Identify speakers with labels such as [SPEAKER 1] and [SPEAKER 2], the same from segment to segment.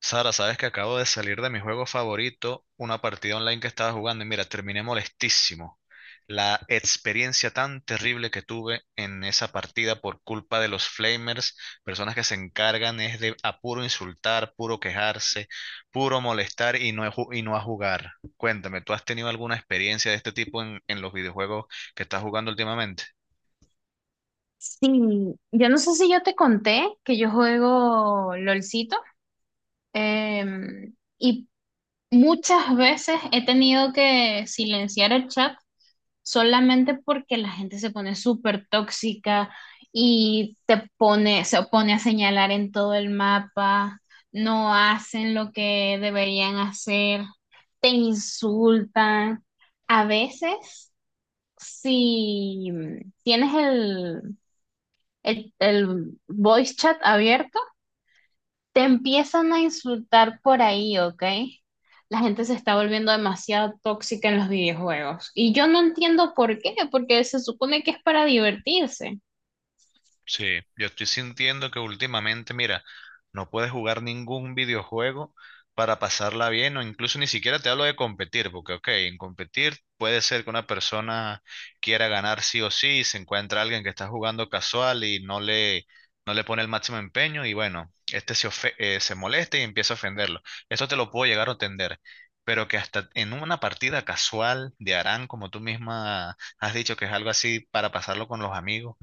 [SPEAKER 1] Sara, sabes que acabo de salir de mi juego favorito, una partida online que estaba jugando y mira, terminé molestísimo. La experiencia tan terrible que tuve en esa partida por culpa de los flamers, personas que se encargan es de a puro insultar, puro quejarse, puro molestar y no, y no a jugar. Cuéntame, ¿tú has tenido alguna experiencia de este tipo en los videojuegos que estás jugando últimamente?
[SPEAKER 2] Sí, yo no sé si yo te conté que yo juego LOLcito y muchas veces he tenido que silenciar el chat solamente porque la gente se pone súper tóxica y te pone, se pone a señalar en todo el mapa, no hacen lo que deberían hacer, te insultan. A veces, si tienes el voice chat abierto, te empiezan a insultar por ahí, ¿ok? La gente se está volviendo demasiado tóxica en los videojuegos. Y yo no entiendo por qué, porque se supone que es para divertirse.
[SPEAKER 1] Sí, yo estoy sintiendo que últimamente, mira, no puedes jugar ningún videojuego para pasarla bien o incluso ni siquiera te hablo de competir, porque ok, en competir puede ser que una persona quiera ganar sí o sí, y se encuentra alguien que está jugando casual y no le pone el máximo empeño y bueno, se molesta y empieza a ofenderlo. Eso te lo puedo llegar a entender, pero que hasta en una partida casual de Arán, como tú misma has dicho que es algo así para pasarlo con los amigos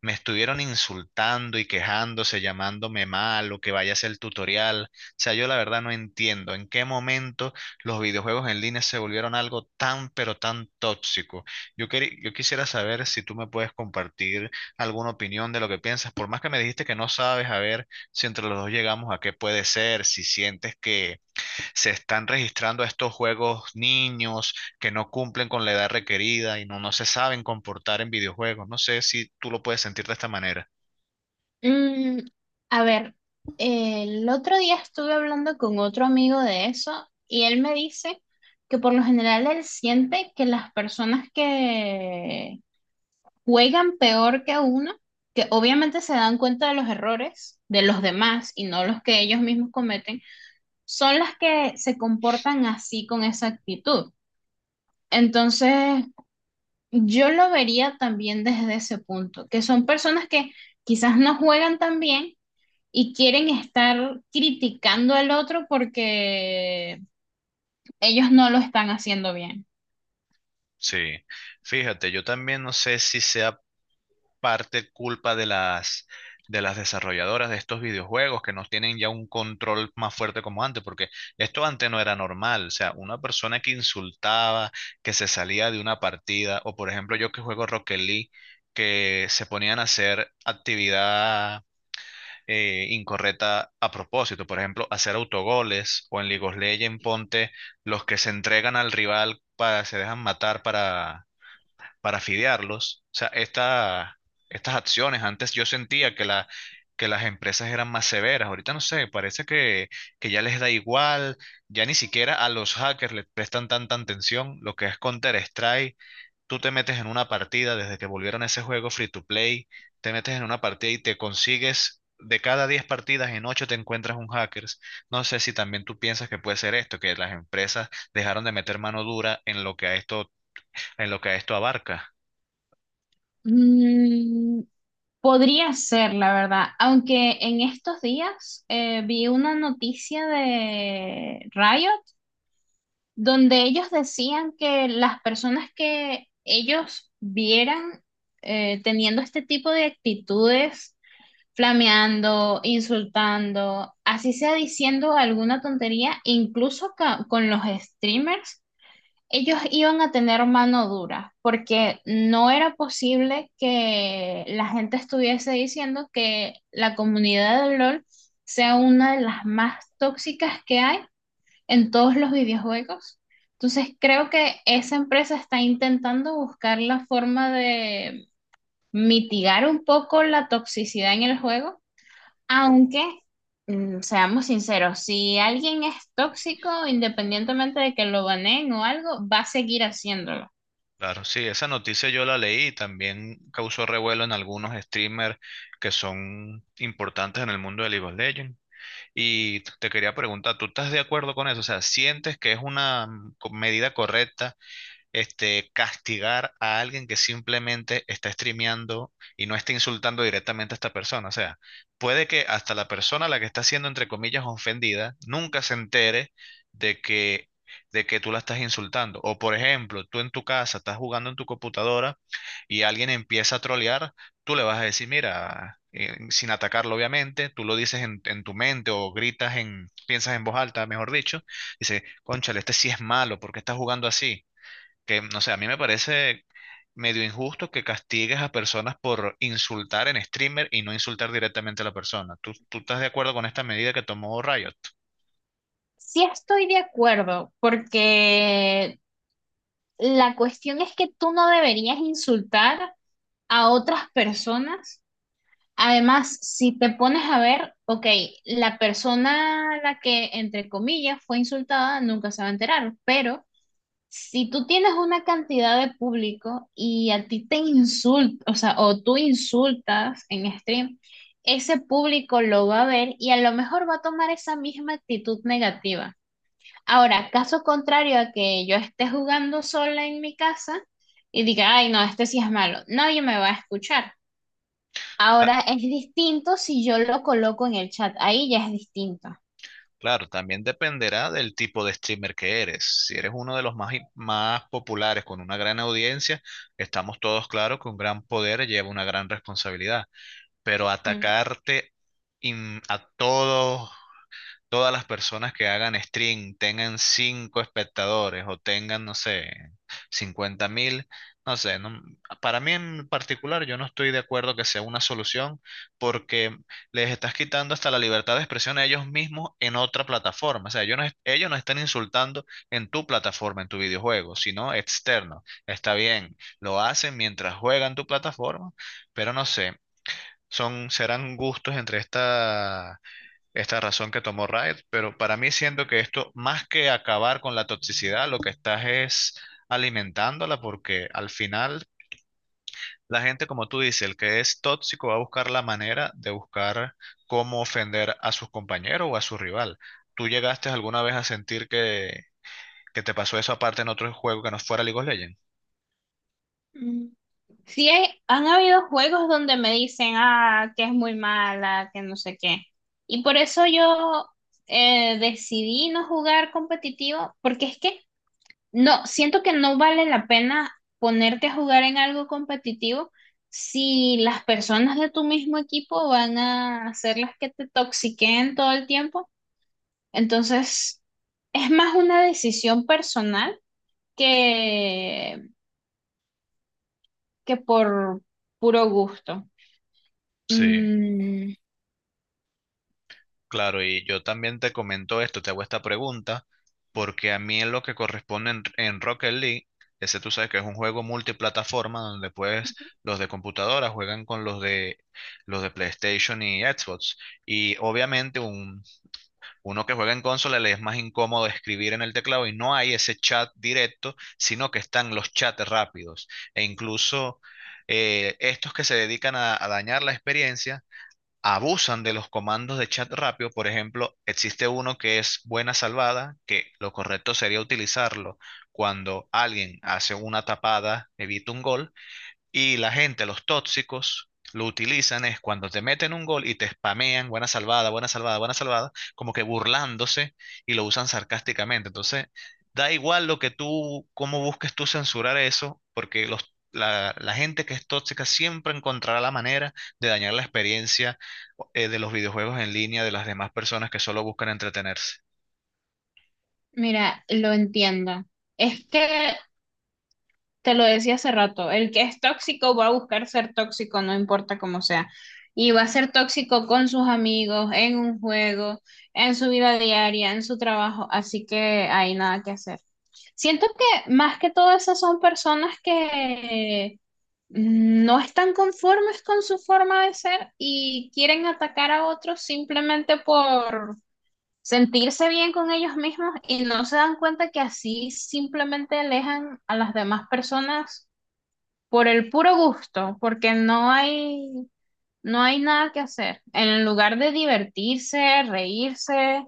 [SPEAKER 1] me estuvieron insultando y quejándose, llamándome mal o que vaya a hacer el tutorial. O sea, yo la verdad no entiendo en qué momento los videojuegos en línea se volvieron algo tan, pero tan tóxico. Yo quisiera saber si tú me puedes compartir alguna opinión de lo que piensas, por más que me dijiste que no sabes, a ver si entre los dos llegamos a qué puede ser, si sientes que se están registrando estos juegos niños que no cumplen con la edad requerida y no se saben comportar en videojuegos. No sé si tú lo puedes sentir de esta manera.
[SPEAKER 2] Mm, a ver, el otro día estuve hablando con otro amigo de eso y él me dice que por lo general él siente que las personas que juegan peor que uno, que obviamente se dan cuenta de los errores de los demás y no los que ellos mismos cometen, son las que se comportan así con esa actitud. Entonces, yo lo vería también desde ese punto, que son personas que quizás no juegan tan bien y quieren estar criticando al otro porque ellos no lo están haciendo bien.
[SPEAKER 1] Sí, fíjate, yo también no sé si sea parte culpa de las desarrolladoras de estos videojuegos que no tienen ya un control más fuerte como antes, porque esto antes no era normal, o sea, una persona que insultaba, que se salía de una partida, o por ejemplo yo que juego Rocket League, que se ponían a hacer actividad incorrecta a propósito. Por ejemplo, hacer autogoles o en League of Legends, ponte los que se entregan al rival para se dejan matar para fidearlos. O sea, estas acciones, antes yo sentía que las empresas eran más severas. Ahorita no sé, parece que ya les da igual, ya ni siquiera a los hackers les prestan tanta atención. Lo que es Counter-Strike tú te metes en una partida, desde que volvieron a ese juego free to play, te metes en una partida y te consigues, de cada 10 partidas, en 8 te encuentras un hackers. No sé si también tú piensas que puede ser esto, que las empresas dejaron de meter mano dura en lo que a esto, en lo que a esto abarca.
[SPEAKER 2] Mm, podría ser, la verdad, aunque en estos días vi una noticia de Riot donde ellos decían que las personas que ellos vieran teniendo este tipo de actitudes, flameando, insultando, así sea diciendo alguna tontería, incluso con los streamers, ellos iban a tener mano dura, porque no era posible que la gente estuviese diciendo que la comunidad de LOL sea una de las más tóxicas que hay en todos los videojuegos. Entonces creo que esa empresa está intentando buscar la forma de mitigar un poco la toxicidad en el juego aunque, seamos sinceros, si alguien es tóxico, independientemente de que lo baneen o algo, va a seguir haciéndolo.
[SPEAKER 1] Claro, sí, esa noticia yo la leí y también causó revuelo en algunos streamers que son importantes en el mundo de League of Legends. Y te quería preguntar, ¿tú estás de acuerdo con eso? O sea, ¿sientes que es una medida correcta este, castigar a alguien que simplemente está streameando y no está insultando directamente a esta persona? O sea, puede que hasta la persona a la que está siendo, entre comillas, ofendida, nunca se entere de que, de que tú la estás insultando. O, por ejemplo, tú en tu casa estás jugando en tu computadora y alguien empieza a trolear, tú le vas a decir, mira, sin atacarlo, obviamente, tú lo dices en tu mente o gritas en, piensas en voz alta, mejor dicho, dice, cónchale, ¿este sí es malo, porque está jugando así? Que no sé, a mí me parece medio injusto que castigues a personas por insultar en streamer y no insultar directamente a la persona. Tú estás de acuerdo con esta medida que tomó Riot?
[SPEAKER 2] Sí estoy de acuerdo, porque la cuestión es que tú no deberías insultar a otras personas. Además, si te pones a ver, ok, la persona a la que, entre comillas, fue insultada nunca se va a enterar, pero si tú tienes una cantidad de público y a ti te insulta, o sea, o tú insultas en stream, ese público lo va a ver y a lo mejor va a tomar esa misma actitud negativa. Ahora, caso contrario a que yo esté jugando sola en mi casa y diga, ay, no, este sí es malo, nadie me va a escuchar.
[SPEAKER 1] Ah,
[SPEAKER 2] Ahora es distinto si yo lo coloco en el chat, ahí ya es distinto.
[SPEAKER 1] claro, también dependerá del tipo de streamer que eres. Si eres uno de más populares con una gran audiencia, estamos todos claros que un gran poder lleva una gran responsabilidad. Pero atacarte a todos, todas las personas que hagan stream tengan 5 espectadores o tengan, no sé, 50.000, no sé, para mí en particular yo no estoy de acuerdo que sea una solución porque les estás quitando hasta la libertad de expresión a ellos mismos en otra plataforma. O sea, ellos no están insultando en tu plataforma, en tu videojuego, sino externo. Está bien, lo hacen mientras juegan tu plataforma, pero no sé. Serán gustos entre esta razón que tomó Riot, pero para mí siento que esto, más que acabar con la toxicidad, lo que estás es alimentándola porque al final la gente, como tú dices, el que es tóxico va a buscar la manera de buscar cómo ofender a sus compañeros o a su rival. ¿Tú llegaste alguna vez a sentir que te pasó eso aparte en otro juego que no fuera League of Legends?
[SPEAKER 2] Mm. Sí, han habido juegos donde me dicen, ah, que es muy mala, que no sé qué. Y por eso yo decidí no jugar competitivo, porque es que no, siento que no vale la pena ponerte a jugar en algo competitivo si las personas de tu mismo equipo van a ser las que te toxiquen todo el tiempo. Entonces, es más una decisión personal que, que por puro gusto.
[SPEAKER 1] Sí.
[SPEAKER 2] Mm,
[SPEAKER 1] Claro, y yo también te comento esto, te hago esta pregunta, porque a mí en lo que corresponde en Rocket League, ese tú sabes que es un juego multiplataforma donde pues
[SPEAKER 2] ujú.
[SPEAKER 1] los de computadora juegan con los de PlayStation y Xbox. Y obviamente uno que juega en consola le es más incómodo escribir en el teclado y no hay ese chat directo, sino que están los chats rápidos. E incluso estos que se dedican a dañar la experiencia abusan de los comandos de chat rápido. Por ejemplo, existe uno que es buena salvada, que lo correcto sería utilizarlo cuando alguien hace una tapada, evita un gol, y la gente, los tóxicos, lo utilizan es cuando te meten un gol y te spamean, buena salvada, buena salvada, buena salvada, como que burlándose y lo usan sarcásticamente. Entonces, da igual lo que tú, cómo busques tú censurar eso, porque la gente que es tóxica siempre encontrará la manera de dañar la experiencia de los videojuegos en línea de las demás personas que solo buscan entretenerse.
[SPEAKER 2] Mira, lo entiendo. Es que te lo decía hace rato, el que es tóxico va a buscar ser tóxico, no importa cómo sea. Y va a ser tóxico con sus amigos, en un juego, en su vida diaria, en su trabajo, así que hay nada que hacer. Siento que más que todo esas son personas que no están conformes con su forma de ser y quieren atacar a otros simplemente por sentirse bien con ellos mismos y no se dan cuenta que así simplemente alejan a las demás personas por el puro gusto, porque no hay, no hay nada que hacer. En lugar de divertirse, reírse,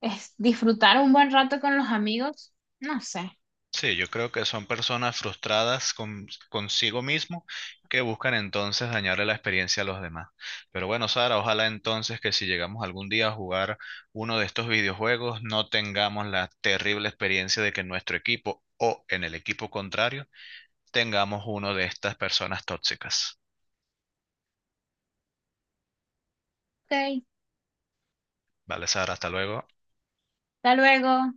[SPEAKER 2] es disfrutar un buen rato con los amigos, no sé.
[SPEAKER 1] Sí, yo creo que son personas frustradas consigo mismo que buscan entonces dañarle la experiencia a los demás. Pero bueno, Sara, ojalá entonces que si llegamos algún día a jugar uno de estos videojuegos, no tengamos la terrible experiencia de que en nuestro equipo o en el equipo contrario tengamos uno de estas personas tóxicas.
[SPEAKER 2] Ok,
[SPEAKER 1] Vale, Sara, hasta luego.
[SPEAKER 2] hasta luego.